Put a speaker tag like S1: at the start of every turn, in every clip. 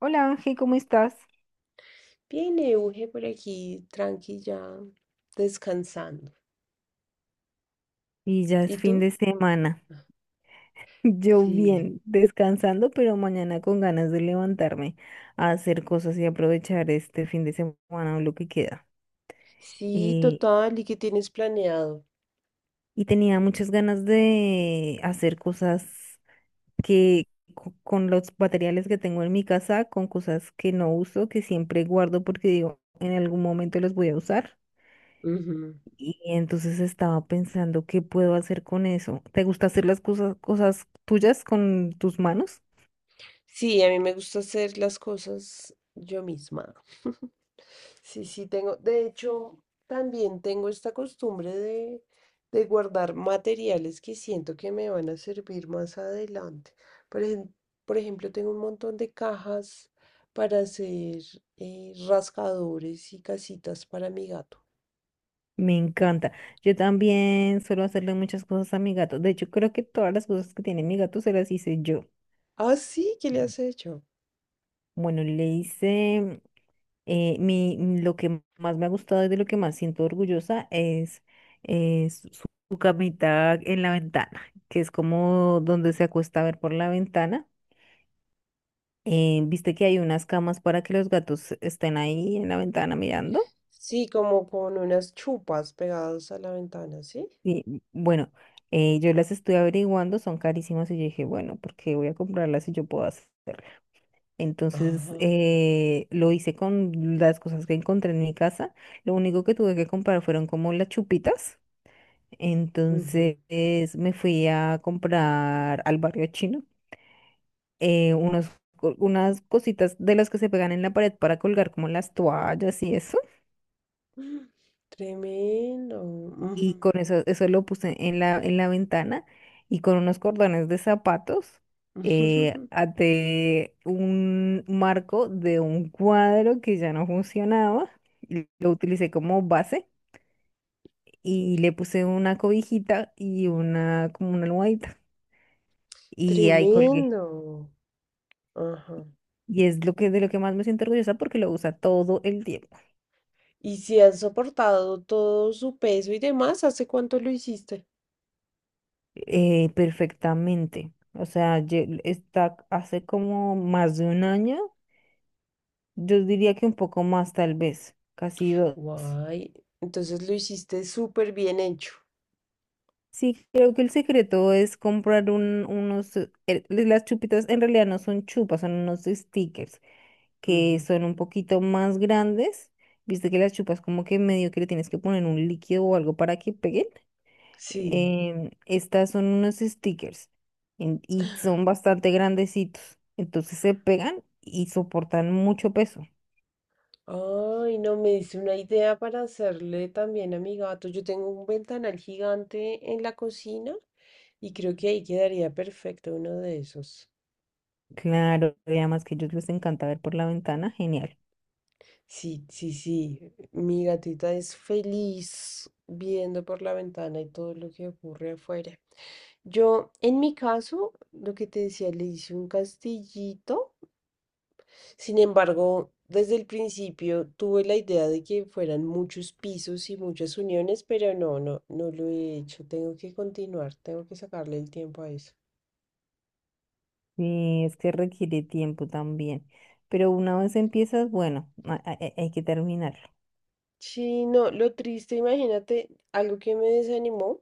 S1: Hola Ángel, ¿cómo estás?
S2: Bien, Euge, por aquí, tranquila, descansando.
S1: Y ya
S2: ¿Y
S1: es fin
S2: tú?
S1: de semana. Yo
S2: Sí.
S1: bien, descansando, pero mañana con ganas de levantarme a hacer cosas y aprovechar este fin de semana o lo que queda.
S2: Sí,
S1: Eh,
S2: total, ¿y qué tienes planeado?
S1: y tenía muchas ganas de hacer cosas que con los materiales que tengo en mi casa, con cosas que no uso, que siempre guardo porque digo, en algún momento los voy a usar.
S2: Ujú.
S1: Y entonces estaba pensando qué puedo hacer con eso. ¿Te gusta hacer las cosas, cosas tuyas con tus manos?
S2: Sí, a mí me gusta hacer las cosas yo misma. Sí, sí, tengo. De hecho, también tengo esta costumbre de guardar materiales que siento que me van a servir más adelante. Por ejemplo, por ejemplo, tengo un montón de cajas para hacer rascadores y casitas para mi gato.
S1: Me encanta. Yo también suelo hacerle muchas cosas a mi gato. De hecho, creo que todas las cosas que tiene mi gato se las hice yo.
S2: Ah, sí, ¿qué le
S1: Mm.
S2: has hecho?
S1: Bueno, le hice lo que más me ha gustado y de lo que más siento orgullosa es su su camita en la ventana, que es como donde se acuesta a ver por la ventana. ¿Viste que hay unas camas para que los gatos estén ahí en la ventana mirando?
S2: Sí, como con unas chupas pegadas a la ventana, ¿sí?
S1: Y bueno, yo las estuve averiguando, son carísimas y yo dije, bueno, ¿por qué voy a comprarlas si yo puedo hacer? Entonces
S2: Ajá.
S1: lo hice con las cosas que encontré en mi casa. Lo único que tuve que comprar fueron como las chupitas.
S2: Ujú.
S1: Entonces me fui a comprar al barrio chino eh, unos unas cositas de las que se pegan en la pared para colgar como las toallas y eso.
S2: Mm, tremendo. Ujú,
S1: Y
S2: ujú.
S1: con eso, eso lo puse en la ventana y con unos cordones de zapatos até un marco de un cuadro que ya no funcionaba, y lo utilicé como base y le puse una cobijita y una como una almohadita y ahí colgué.
S2: Tremendo. Ajá.
S1: Y es lo que de lo que más me siento orgullosa porque lo usa todo el tiempo,
S2: Y si has soportado todo su peso y demás, ¿hace cuánto lo hiciste?
S1: perfectamente. O sea, está hace como más de 1 año. Yo diría que un poco más, tal vez, casi dos.
S2: Guay. Entonces lo hiciste súper bien hecho.
S1: Sí, creo que el secreto es comprar unos... las chupitas en realidad no son chupas, son unos stickers que
S2: Ujú.
S1: son un poquito más grandes. Viste que las chupas como que medio que le tienes que poner un líquido o algo para que peguen.
S2: Sí.
S1: Estas son unos stickers y son bastante grandecitos. Entonces se pegan y soportan mucho peso.
S2: Ay, no, me dice una idea para hacerle también a mi gato. Yo tengo un ventanal gigante en la cocina y creo que ahí quedaría perfecto uno de esos.
S1: Claro, y además que a ellos les encanta ver por la ventana, genial.
S2: Sí, sí, sí. Mi gatita es feliz viendo por la ventana y todo lo que ocurre afuera. Yo, en mi caso, lo que te decía, le hice un castillito. Sin embargo, desde el principio tuve la idea de que fueran muchos pisos y muchas uniones, pero no, no, no lo he hecho. Tengo que continuar, tengo que sacarle el tiempo a eso.
S1: Sí, es que requiere tiempo también. Pero una vez empiezas, bueno, hay que terminarlo.
S2: Sí, no, lo triste, imagínate, algo que me desanimó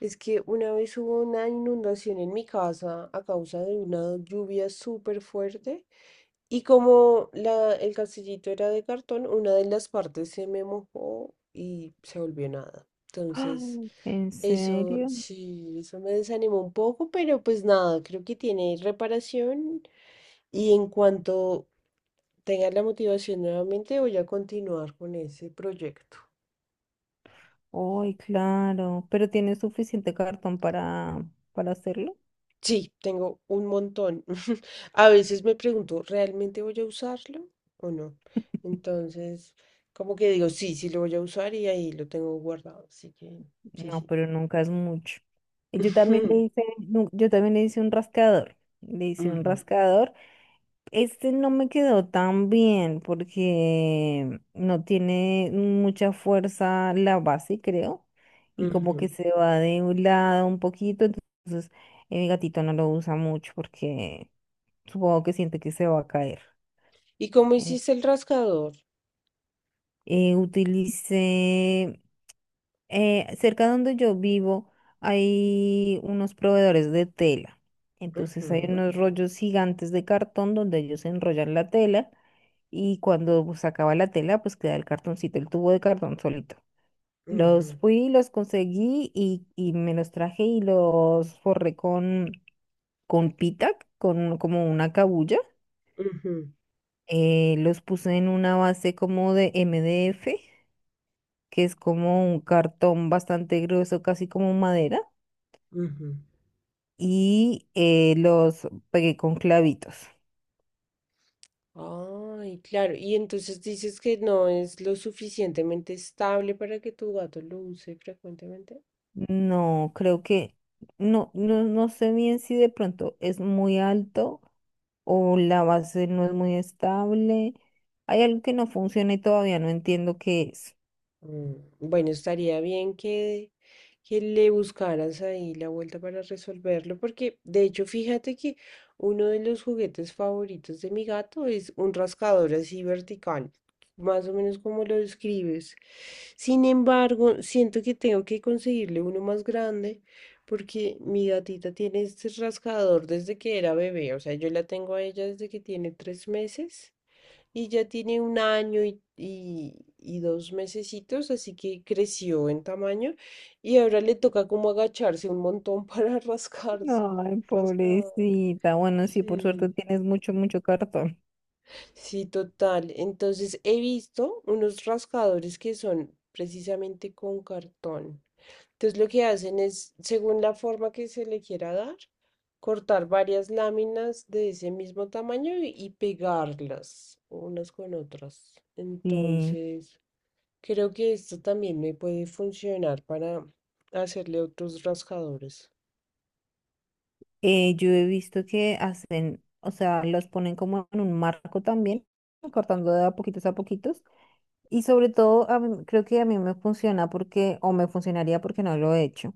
S2: es que una vez hubo una inundación en mi casa a causa de una lluvia súper fuerte y como la, el castillito era de cartón, una de las partes se me mojó y se volvió nada.
S1: ¡Ah!
S2: Entonces,
S1: ¿En
S2: eso
S1: serio?
S2: sí, eso me desanimó un poco, pero pues nada, creo que tiene reparación y en cuanto tenga la motivación nuevamente voy a continuar con ese proyecto.
S1: Ay, claro. ¿Pero tienes suficiente cartón para hacerlo?
S2: Sí, tengo un montón. A veces me pregunto, ¿realmente voy a usarlo o no? Entonces, como que digo, sí, sí lo voy a usar y ahí lo tengo guardado. Así que, sí,
S1: No,
S2: sí.
S1: pero nunca es mucho. Y yo también le hice, yo también le hice un rascador. Le hice un
S2: Ujú.
S1: rascador. Este no me quedó tan bien porque no tiene mucha fuerza la base, creo, y como que
S2: Ujú.
S1: se va de un lado un poquito, entonces mi gatito no lo usa mucho porque supongo que siente que se va a caer.
S2: ¿Y cómo
S1: En-
S2: hiciste el rascador?
S1: utilicé cerca donde yo vivo hay unos proveedores de tela. Entonces hay
S2: Ujú,
S1: unos rollos gigantes de cartón donde ellos enrollan la tela y cuando pues, se acaba la tela, pues queda el cartoncito, el tubo de cartón solito.
S2: ujú,
S1: Los conseguí y me los traje y los forré con pita, con como una cabulla.
S2: ujú,
S1: Los puse en una base como de MDF, que es como un cartón bastante grueso, casi como madera
S2: ujú.
S1: y los pegué con clavitos.
S2: Ay, claro. Y entonces dices que no es lo suficientemente estable para que tu gato lo use frecuentemente.
S1: No, creo que no sé bien si de pronto es muy alto o la base no es muy estable. Hay algo que no funciona y todavía no entiendo qué es.
S2: Mm, bueno, estaría bien que le buscaras ahí la vuelta para resolverlo, porque de hecho, fíjate que uno de los juguetes favoritos de mi gato es un rascador así vertical, más o menos como lo describes. Sin embargo, siento que tengo que conseguirle uno más grande, porque mi gatita tiene este rascador desde que era bebé, o sea, yo la tengo a ella desde que tiene 3 meses. Y ya tiene un año y 2 mesecitos, así que creció en tamaño. Y ahora le toca como agacharse un montón para rascar
S1: Ay,
S2: su rascada.
S1: pobrecita. Bueno, sí, por
S2: Sí.
S1: suerte tienes mucho, mucho cartón.
S2: Sí, total. Entonces he visto unos rascadores que son precisamente con cartón. Entonces lo que hacen es, según la forma que se le quiera dar, cortar varias láminas de ese mismo tamaño y pegarlas unas con otras.
S1: Sí.
S2: Entonces... Creo que esto también me puede funcionar para hacerle otros rascadores.
S1: Yo he visto que hacen, o sea, los ponen como en un marco también, cortando de a poquitos a poquitos. Y sobre todo, creo que a mí me funciona porque, o me funcionaría porque no lo he hecho,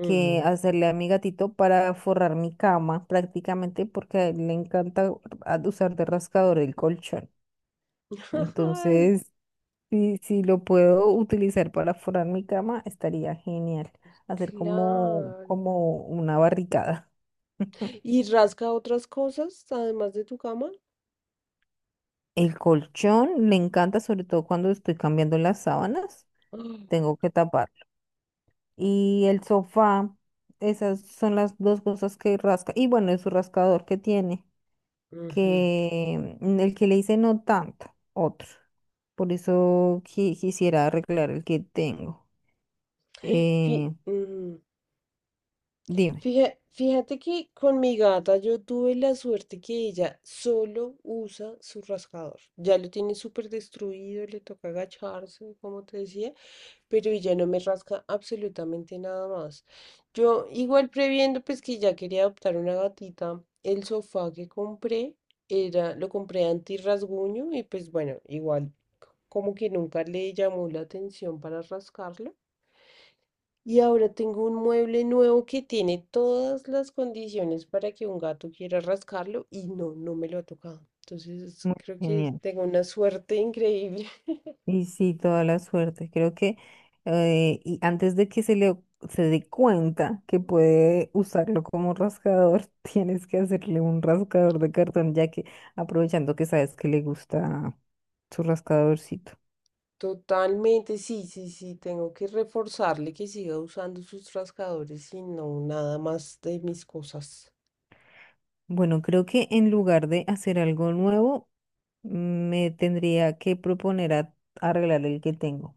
S1: que hacerle a mi gatito para forrar mi cama prácticamente porque a él le encanta usar de rascador el colchón.
S2: Ay,
S1: Entonces, si lo puedo utilizar para forrar mi cama, estaría genial. Hacer como,
S2: claro.
S1: como una barricada.
S2: ¿Y rasca otras cosas además de tu cama?
S1: El colchón le encanta, sobre todo cuando estoy cambiando las sábanas,
S2: Ah,
S1: tengo que tapar. Y el sofá. Esas son las dos cosas que rasca. Y bueno, es su rascador que tiene,
S2: ujú.
S1: que el que le hice no tanto, otro. Por eso quisiera arreglar el que tengo.
S2: Fí-
S1: Eh,
S2: ujú.
S1: dime.
S2: Fíjate que con mi gata yo tuve la suerte que ella solo usa su rascador. Ya lo tiene súper destruido, le toca agacharse, como te decía. Pero y ya no me rasca absolutamente nada más. Yo igual previendo pues que ya quería adoptar una gatita, el sofá que compré era, lo compré anti-rasguño y pues bueno, igual como que nunca le llamó la atención para rascarlo. Y ahora tengo un mueble nuevo que tiene todas las condiciones para que un gato quiera rascarlo y no, no me lo ha tocado. Entonces
S1: Muy
S2: creo que
S1: genial.
S2: tengo una suerte increíble.
S1: Y sí, toda la suerte. Creo que Y antes de que se dé cuenta que puede usarlo como rascador, tienes que hacerle un rascador de cartón, ya que aprovechando que sabes que le gusta su rascadorcito.
S2: Totalmente, sí, sí, sí, tengo que reforzarle que siga usando sus rascadores y no nada más de mis cosas.
S1: Bueno, creo que en lugar de hacer algo nuevo, me tendría que proponer a arreglar el que tengo.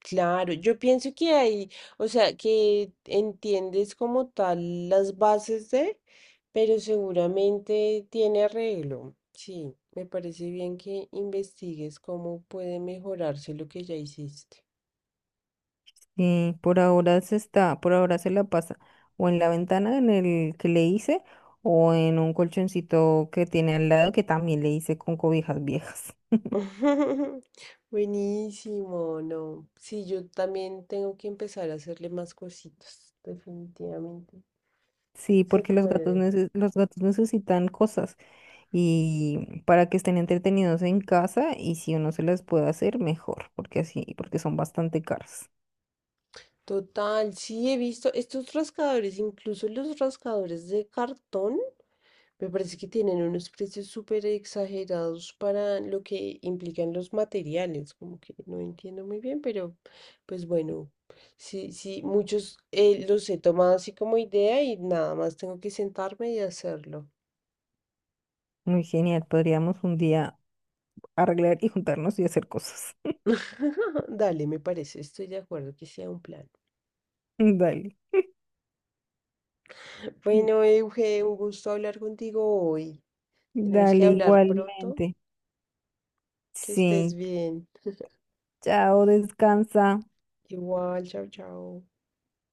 S2: Claro, yo pienso que hay, o sea, que entiendes como tal las bases de, pero seguramente tiene arreglo. Sí, me parece bien que investigues cómo puede mejorarse lo que ya hiciste.
S1: Sí, por ahora se la pasa o en la ventana en el que le hice o en un colchoncito que tiene al lado que también le hice con cobijas viejas.
S2: Buenísimo, no. Sí, yo también tengo que empezar a hacerle más cositas, definitivamente.
S1: Sí,
S2: Se
S1: porque
S2: puede.
S1: los gatos necesitan cosas y para que estén entretenidos en casa y si uno se las puede hacer mejor, porque así, porque son bastante caras.
S2: Total, sí, he visto estos rascadores, incluso los rascadores de cartón, me parece que tienen unos precios súper exagerados para lo que implican los materiales, como que no entiendo muy bien, pero pues bueno, sí, sí, muchos los he tomado así como idea y nada más tengo que sentarme y hacerlo.
S1: Muy genial, podríamos un día arreglar y juntarnos y hacer cosas.
S2: Dale, me parece, estoy de acuerdo que sea un plan.
S1: Dale,
S2: Bueno, Euge, un gusto hablar contigo hoy. Tenemos que
S1: dale
S2: hablar pronto.
S1: igualmente.
S2: Que estés
S1: Sí.
S2: bien.
S1: Chao, descansa.
S2: Igual, chao, chao.